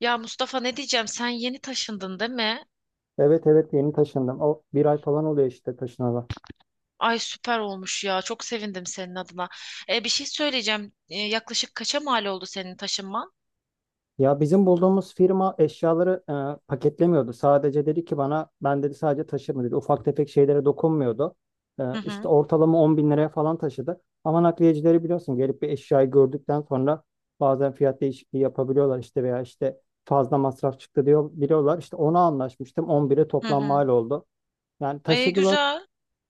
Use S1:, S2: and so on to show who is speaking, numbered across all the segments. S1: Ya Mustafa, ne diyeceğim, sen yeni taşındın değil mi?
S2: Evet evet yeni taşındım. O bir ay falan oluyor işte taşınalı.
S1: Ay, süper olmuş ya, çok sevindim senin adına. Bir şey söyleyeceğim. Yaklaşık kaça mal oldu senin taşınman?
S2: Ya bizim bulduğumuz firma eşyaları paketlemiyordu. Sadece dedi ki bana ben dedi sadece taşırma dedi. Ufak tefek şeylere dokunmuyordu. E,
S1: Hı
S2: işte
S1: hı,
S2: ortalama 10 bin liraya falan taşıdı. Ama nakliyecileri biliyorsun gelip bir eşyayı gördükten sonra bazen fiyat değişikliği yapabiliyorlar işte veya işte fazla masraf çıktı diyor biliyorlar. İşte ona anlaşmıştım 11'e
S1: hı
S2: toplam
S1: hı.
S2: mal oldu. Yani
S1: E,
S2: taşıdılar.
S1: güzel.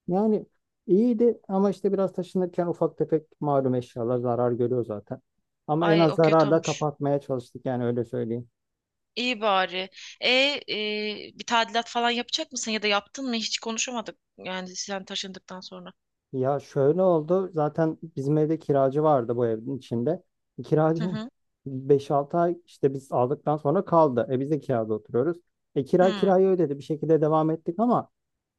S2: Yani iyiydi ama işte biraz taşınırken ufak tefek malum eşyalar zarar görüyor zaten. Ama en
S1: Ay,
S2: az
S1: o kötü
S2: zararla
S1: olmuş.
S2: kapatmaya çalıştık yani öyle söyleyeyim.
S1: İyi bari. Bir tadilat falan yapacak mısın ya da yaptın mı? Hiç konuşamadık yani sen taşındıktan sonra.
S2: Ya şöyle oldu zaten bizim evde kiracı vardı bu evin içinde.
S1: Hı
S2: Kiracı
S1: hı.
S2: 5-6 ay işte biz aldıktan sonra kaldı. Biz de kirada oturuyoruz. E kira
S1: Hı.
S2: kirayı ödedi bir şekilde devam ettik ama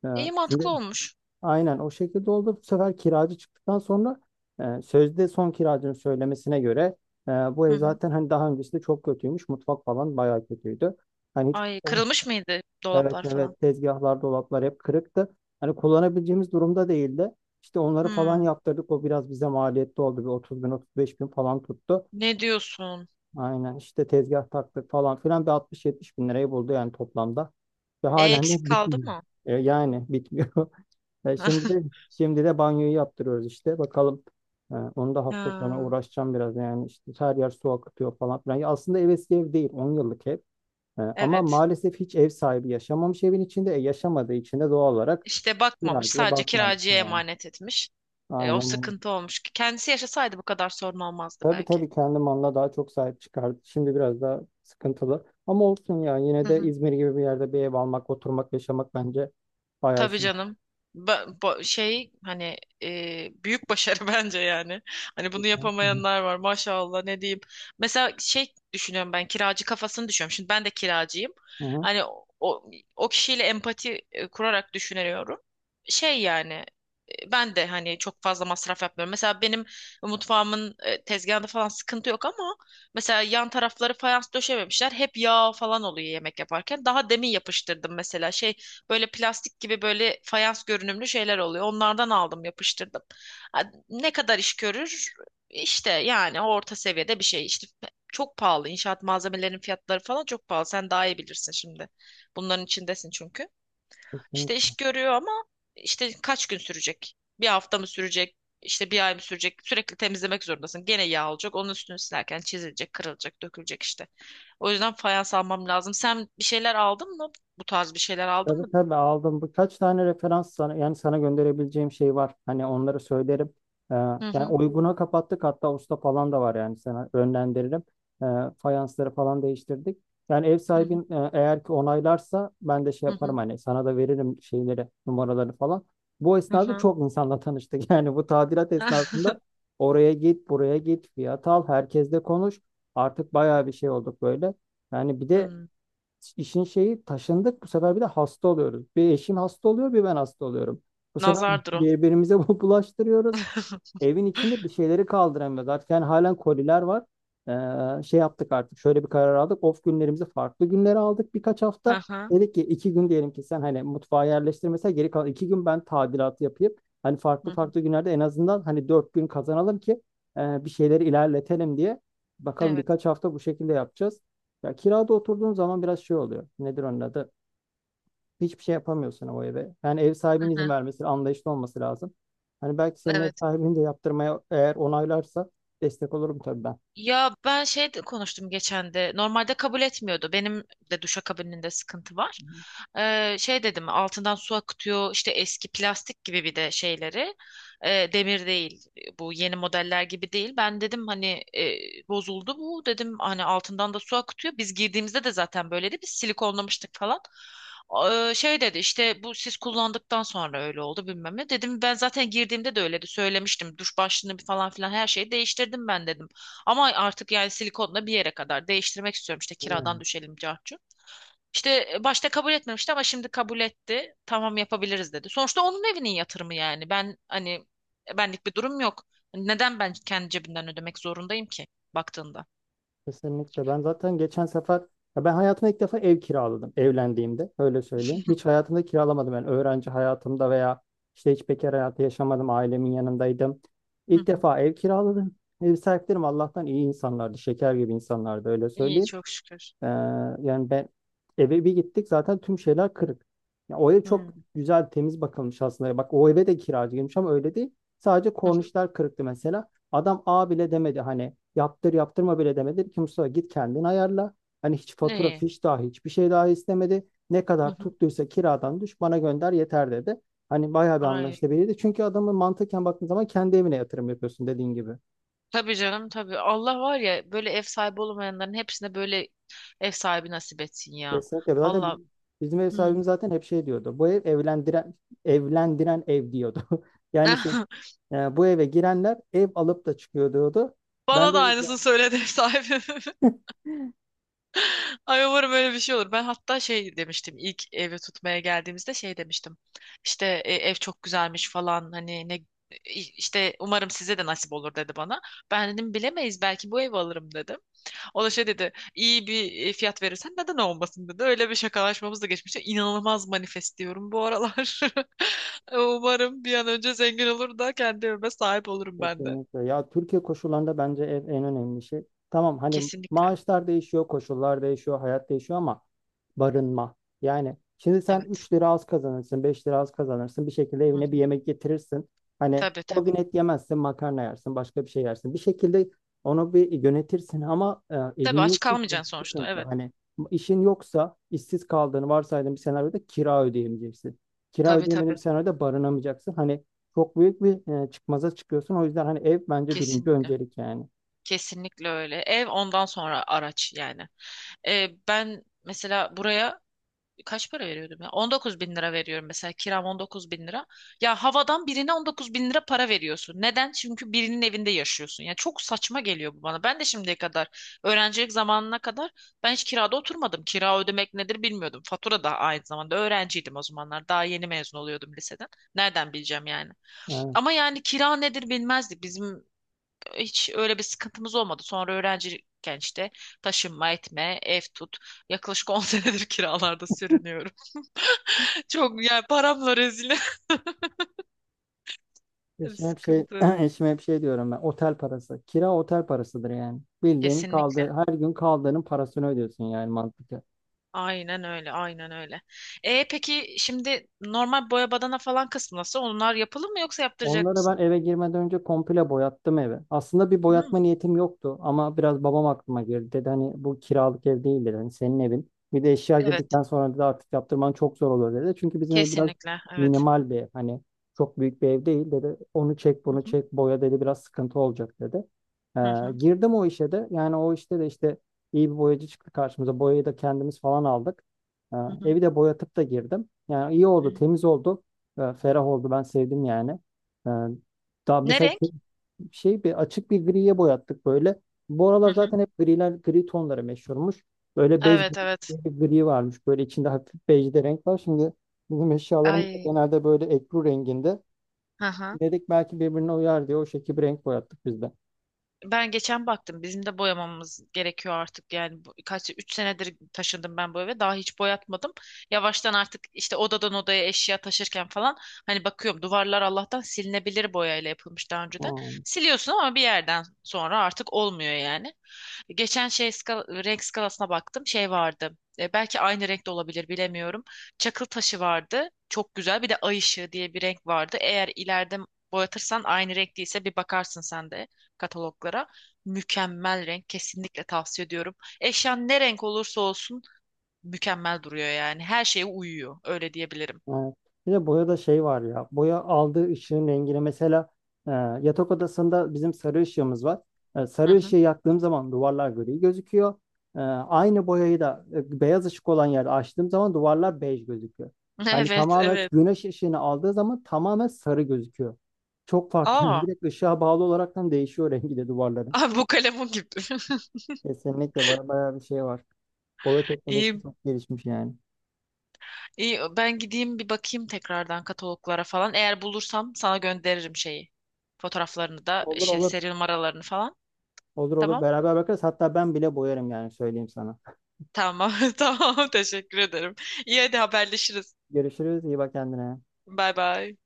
S2: e,
S1: İyi, mantıklı
S2: şimdi
S1: olmuş.
S2: aynen o şekilde oldu. Bu sefer kiracı çıktıktan sonra sözde son kiracının söylemesine göre bu
S1: Hı
S2: ev
S1: hı.
S2: zaten hani daha öncesinde çok kötüymüş. Mutfak falan bayağı kötüydü. Hani hiç
S1: Ay, kırılmış mıydı
S2: evet
S1: dolaplar falan?
S2: evet tezgahlar, dolaplar hep kırıktı. Hani kullanabileceğimiz durumda değildi. İşte onları falan
S1: Hı.
S2: yaptırdık. O biraz bize maliyetli oldu. Bir 30 bin 35 bin falan tuttu.
S1: Ne diyorsun?
S2: Aynen işte tezgah taktık falan filan bir 60-70 bin lirayı buldu yani toplamda. Ve
S1: E,
S2: halen
S1: eksik
S2: de
S1: kaldı
S2: bitmiyor.
S1: mı?
S2: Yani bitmiyor. E, şimdi de, şimdi de banyoyu yaptırıyoruz işte. Bakalım. Onu da hafta sonra
S1: Ha.
S2: uğraşacağım biraz. Yani işte her yer su akıtıyor falan filan. Ya aslında ev eski ev değil. 10 yıllık ev. Ama
S1: Evet.
S2: maalesef hiç ev sahibi yaşamamış evin içinde. Yaşamadığı için de doğal olarak
S1: İşte bakmamış.
S2: biraz da
S1: Sadece
S2: bakmamış
S1: kiracıya
S2: yani.
S1: emanet etmiş. O
S2: Aynen öyle.
S1: sıkıntı olmuş. Kendisi yaşasaydı bu kadar sorun olmazdı
S2: Tabii
S1: belki.
S2: tabii kendi malına daha çok sahip çıkardı. Şimdi biraz daha sıkıntılı. Ama olsun ya. Yine
S1: Hı
S2: de
S1: hı.
S2: İzmir gibi bir yerde bir ev almak, oturmak, yaşamak bence bayağı
S1: Tabii
S2: şey.
S1: canım. Ba ba- şey, hani büyük başarı bence yani. Hani bunu
S2: Kesinlikle.
S1: yapamayanlar var, maşallah, ne diyeyim. Mesela şey düşünüyorum, ben kiracı kafasını düşünüyorum. Şimdi ben de kiracıyım.
S2: Hı hı.
S1: Hani o kişiyle empati kurarak düşünüyorum. Şey yani ben de hani çok fazla masraf yapmıyorum. Mesela benim mutfağımın tezgahında falan sıkıntı yok ama mesela yan tarafları fayans döşememişler. Hep yağ falan oluyor yemek yaparken. Daha demin yapıştırdım mesela şey, böyle plastik gibi, böyle fayans görünümlü şeyler oluyor. Onlardan aldım, yapıştırdım. Ha, ne kadar iş görür? İşte yani orta seviyede bir şey. İşte çok pahalı. İnşaat malzemelerinin fiyatları falan çok pahalı. Sen daha iyi bilirsin şimdi. Bunların içindesin çünkü. İşte
S2: Kesinlikle.
S1: iş görüyor ama işte kaç gün sürecek? Bir hafta mı sürecek? İşte bir ay mı sürecek? Sürekli temizlemek zorundasın. Gene yağ olacak. Onun üstünü silerken çizilecek, kırılacak, dökülecek işte. O yüzden fayans almam lazım. Sen bir şeyler aldın mı? Bu tarz bir şeyler aldın
S2: Tabii
S1: mı?
S2: tabii aldım. Birkaç tane referans sana, yani sana gönderebileceğim şey var. Hani onları söylerim. Ee,
S1: Hı
S2: yani
S1: hı,
S2: uyguna kapattık hatta usta falan da var yani sana yönlendiririm. Ee, fayansları falan değiştirdik. Yani ev
S1: hı hı,
S2: sahibin eğer ki onaylarsa ben de şey yaparım
S1: hı
S2: hani sana da veririm şeyleri, numaraları falan. Bu
S1: hı.
S2: esnada
S1: Hı.
S2: çok insanla tanıştık. Yani bu tadilat esnasında oraya git, buraya git, fiyat al, herkesle konuş. Artık bayağı bir şey olduk böyle. Yani bir de
S1: Hmm.
S2: İşin şeyi taşındık. Bu sefer bir de hasta oluyoruz. Bir eşim hasta oluyor, bir ben hasta oluyorum. Bu sefer
S1: Nazardır o.
S2: birbirimize bu bulaştırıyoruz. Evin içinde bir şeyleri kaldıramıyoruz. Artık yani halen koliler var. Şey yaptık artık. Şöyle bir karar aldık. Off günlerimizi farklı günlere aldık birkaç
S1: Hı
S2: hafta.
S1: hı,
S2: Dedik ki 2 gün diyelim ki sen hani mutfağa yerleştirmesen geri kalan 2 gün ben tadilat yapayım. Hani
S1: hı
S2: farklı
S1: hı.
S2: farklı günlerde en azından hani 4 gün kazanalım ki bir şeyleri ilerletelim diye. Bakalım
S1: Evet.
S2: birkaç hafta bu şekilde yapacağız. Ya kirada oturduğun zaman biraz şey oluyor. Nedir onun adı? Hiçbir şey yapamıyorsun o eve. Yani ev
S1: Hı
S2: sahibinin izin
S1: hı.
S2: vermesi, anlayışlı olması lazım. Hani belki senin ev
S1: Evet.
S2: sahibini de yaptırmaya eğer onaylarsa destek olurum tabii ben.
S1: Ya, ben şey de konuştum geçen de. Normalde kabul etmiyordu. Benim de duşakabininde sıkıntı var. Şey dedim, altından su akıtıyor işte, eski plastik gibi bir de şeyleri. Demir değil. Bu yeni modeller gibi değil. Ben dedim hani, e, bozuldu bu. Dedim hani altından da su akıtıyor. Biz girdiğimizde de zaten böyleydi. Biz silikonlamıştık falan. Şey dedi işte, bu siz kullandıktan sonra öyle oldu bilmem ne. Dedim ben zaten girdiğimde de öyleydi. Söylemiştim. Duş başlığını falan filan her şeyi değiştirdim ben dedim. Ama artık yani silikonla bir yere kadar değiştirmek istiyorum, işte kiradan
S2: Yani
S1: düşelim cartçu. İşte başta kabul etmemişti ama şimdi kabul etti. Tamam yapabiliriz dedi. Sonuçta onun evinin yatırımı yani. Ben hani benlik bir durum yok. Hani neden ben kendi cebimden ödemek zorundayım ki baktığında?
S2: kesinlikle. Ben zaten geçen sefer, ya ben hayatımda ilk defa ev kiraladım evlendiğimde. Öyle söyleyeyim. Hiç hayatımda kiralamadım. Yani öğrenci hayatımda veya işte hiç bekar hayatı yaşamadım. Ailemin yanındaydım.
S1: Hı
S2: İlk
S1: hı.
S2: defa ev kiraladım. Ev sahiplerim Allah'tan iyi insanlardı. Şeker gibi insanlardı öyle
S1: İyi,
S2: söyleyeyim.
S1: çok şükür.
S2: Ee, yani ben Eve bir gittik zaten tüm şeyler kırık. Ya o ev çok
S1: Hı.
S2: güzel temiz bakılmış aslında. Bak o eve de kiracı girmiş ama öyle değil. Sadece
S1: Hı hı.
S2: kornişler kırıktı mesela. Adam A bile demedi hani yaptır yaptırma bile demedi. Dedi ki Mustafa git kendin ayarla. Hani hiç fatura
S1: İyi.
S2: fiş dahi hiçbir şey dahi istemedi. Ne
S1: Hı
S2: kadar
S1: hı.
S2: tuttuysa kiradan düş bana gönder yeter dedi. Hani bayağı bir
S1: Ay.
S2: anlaşılabilirdi. Çünkü adamın mantıken baktığın zaman kendi evine yatırım yapıyorsun dediğin gibi.
S1: Tabii canım, tabii. Allah var ya, böyle ev sahibi olamayanların hepsine böyle ev sahibi nasip etsin ya.
S2: Kesinlikle.
S1: Valla.
S2: Bizim ev
S1: Hı.
S2: sahibimiz zaten hep şey diyordu. Bu ev evlendiren ev diyordu. Yani bu eve girenler ev alıp da çıkıyor diyordu. Ben
S1: Bana
S2: de.
S1: da aynısını söyledi ev sahibim. Ay, umarım öyle bir şey olur. Ben hatta şey demiştim ilk evi tutmaya geldiğimizde, şey demiştim. İşte ev çok güzelmiş falan, hani ne, işte umarım size de nasip olur dedi bana. Ben dedim bilemeyiz, belki bu evi alırım dedim. O da şey dedi, iyi bir fiyat verirsen neden olmasın dedi. Öyle bir şakalaşmamız da geçmişti. İnanılmaz manifest diyorum bu aralar. Umarım bir an önce zengin olur da kendi evime sahip olurum ben de.
S2: Kesinlikle. Ya Türkiye koşullarında bence en önemli şey. Tamam hani
S1: Kesinlikle. Hı,
S2: maaşlar değişiyor, koşullar değişiyor, hayat değişiyor ama barınma. Yani şimdi sen
S1: evet.
S2: 3 lira az kazanırsın, 5 lira az kazanırsın. Bir şekilde
S1: Hı
S2: evine bir
S1: hı.
S2: yemek getirirsin. Hani
S1: Tabii
S2: o
S1: tabii.
S2: gün et yemezsin, makarna yersin, başka bir şey yersin. Bir şekilde onu bir yönetirsin ama
S1: Tabii
S2: evin
S1: aç
S2: yoksa çok
S1: kalmayacaksın sonuçta.
S2: sıkıntı.
S1: Evet.
S2: Hani işin yoksa, işsiz kaldığını varsaydığın bir senaryoda kira ödeyemeyeceksin. Kira
S1: Tabii
S2: ödeyemediğin
S1: tabii.
S2: bir senaryoda barınamayacaksın. Hani çok büyük bir çıkmaza çıkıyorsun. O yüzden hani ev bence birinci
S1: Kesinlikle.
S2: öncelik yani.
S1: Kesinlikle öyle. Ev, ondan sonra araç yani. Ben mesela buraya kaç para veriyordum ya? 19 bin lira veriyorum mesela. Kiram 19 bin lira. Ya havadan birine 19 bin lira para veriyorsun. Neden? Çünkü birinin evinde yaşıyorsun. Yani çok saçma geliyor bu bana. Ben de şimdiye kadar, öğrencilik zamanına kadar ben hiç kirada oturmadım. Kira ödemek nedir bilmiyordum. Fatura da, aynı zamanda öğrenciydim o zamanlar. Daha yeni mezun oluyordum liseden. Nereden bileceğim yani?
S2: Yani
S1: Ama yani kira nedir bilmezdik. Bizim hiç öyle bir sıkıntımız olmadı. Sonra öğrenciyken işte taşınma etme, ev tut. Yaklaşık 10 senedir kiralarda sürünüyorum. Çok yani, paramla rezil.
S2: eşime hep şey
S1: Sıkıntı.
S2: eşime hep şey diyorum ben. Otel parası. Kira otel parasıdır yani. Bildiğin
S1: Kesinlikle.
S2: kaldı her gün kaldığının parasını ödüyorsun yani mantıklı.
S1: Aynen öyle, aynen öyle. Peki şimdi normal boya badana falan kısmı nasıl? Onlar yapılır mı, yoksa yaptıracak
S2: Onları ben
S1: mısın?
S2: eve girmeden önce komple boyattım evi. Aslında bir
S1: Hı.
S2: boyatma niyetim yoktu ama biraz babam aklıma girdi. Dedi hani bu kiralık ev değil dedi. Hani senin evin. Bir de eşya
S1: Evet,
S2: girdikten sonra dedi artık yaptırman çok zor olur dedi. Çünkü bizim ev biraz
S1: kesinlikle, evet.
S2: minimal bir ev. Hani çok büyük bir ev değil dedi. Onu çek
S1: Hı
S2: bunu
S1: hı,
S2: çek boya dedi biraz sıkıntı olacak dedi. Ee,
S1: hı hı,
S2: girdim o işe de. Yani o işte de işte iyi bir boyacı çıktı karşımıza. Boyayı da kendimiz falan aldık. Ee,
S1: hı hı.
S2: evi de boyatıp da girdim. Yani iyi
S1: Hı hı.
S2: oldu temiz oldu. Ferah oldu ben sevdim yani. Yani daha
S1: Ne
S2: mesela
S1: renk?
S2: ki- Şey bir açık bir griye boyattık böyle. Bu
S1: Hı
S2: aralar
S1: hı.
S2: zaten hep griler, gri tonları meşhurmuş. Böyle bej
S1: Evet,
S2: gibi
S1: evet.
S2: bir gri varmış. Böyle içinde hafif bej de renk var. Şimdi bizim eşyalarımız da
S1: Ay.
S2: genelde böyle ekru renginde.
S1: Hı hı.
S2: Dedik belki birbirine uyar diye o şekilde bir renk boyattık biz de.
S1: Ben geçen baktım. Bizim de boyamamız gerekiyor artık. Yani kaç 3 senedir taşındım ben bu eve. Daha hiç boyatmadım. Yavaştan artık işte odadan odaya eşya taşırken falan, hani bakıyorum, duvarlar Allah'tan silinebilir boyayla yapılmış daha önceden.
S2: Hmm.
S1: Siliyorsun ama bir yerden sonra artık olmuyor yani. Geçen şey renk skalasına baktım. Şey vardı. Belki aynı renkte olabilir, bilemiyorum. Çakıl taşı vardı. Çok güzel. Bir de ay ışığı diye bir renk vardı. Eğer ileride boyatırsan aynı renk değilse bir bakarsın sen de kataloglara. Mükemmel renk. Kesinlikle tavsiye ediyorum. Eşyan ne renk olursa olsun mükemmel duruyor yani. Her şeye uyuyor. Öyle diyebilirim.
S2: Evet. Bir de boyada şey var ya. Boya aldığı ışığın rengine mesela e, yatak odasında bizim sarı ışığımız var. E,
S1: Hı
S2: sarı ışığı
S1: hı.
S2: yaktığım zaman duvarlar gri gözüküyor. Aynı boyayı da beyaz ışık olan yerde açtığım zaman duvarlar bej gözüküyor. Yani
S1: Evet,
S2: tamamen
S1: evet.
S2: güneş ışığını aldığı zaman tamamen sarı gözüküyor. Çok farklı.
S1: Aa,
S2: Direkt ışığa bağlı olaraktan değişiyor rengi de duvarların.
S1: aa, bu kalemun gibi.
S2: Kesinlikle baya baya bir şey var. Boya teknolojisi
S1: İyi,
S2: çok gelişmiş yani.
S1: İyi, ben gideyim bir bakayım tekrardan kataloglara falan. Eğer bulursam sana gönderirim şeyi. Fotoğraflarını da,
S2: Olur
S1: işte
S2: olur.
S1: seri numaralarını falan.
S2: Olur olur.
S1: Tamam?
S2: Beraber bakarız. Hatta ben bile boyarım yani söyleyeyim sana.
S1: Tamam. Tamam. Teşekkür ederim. İyi, hadi haberleşiriz.
S2: Görüşürüz. İyi bak kendine.
S1: Bay bay.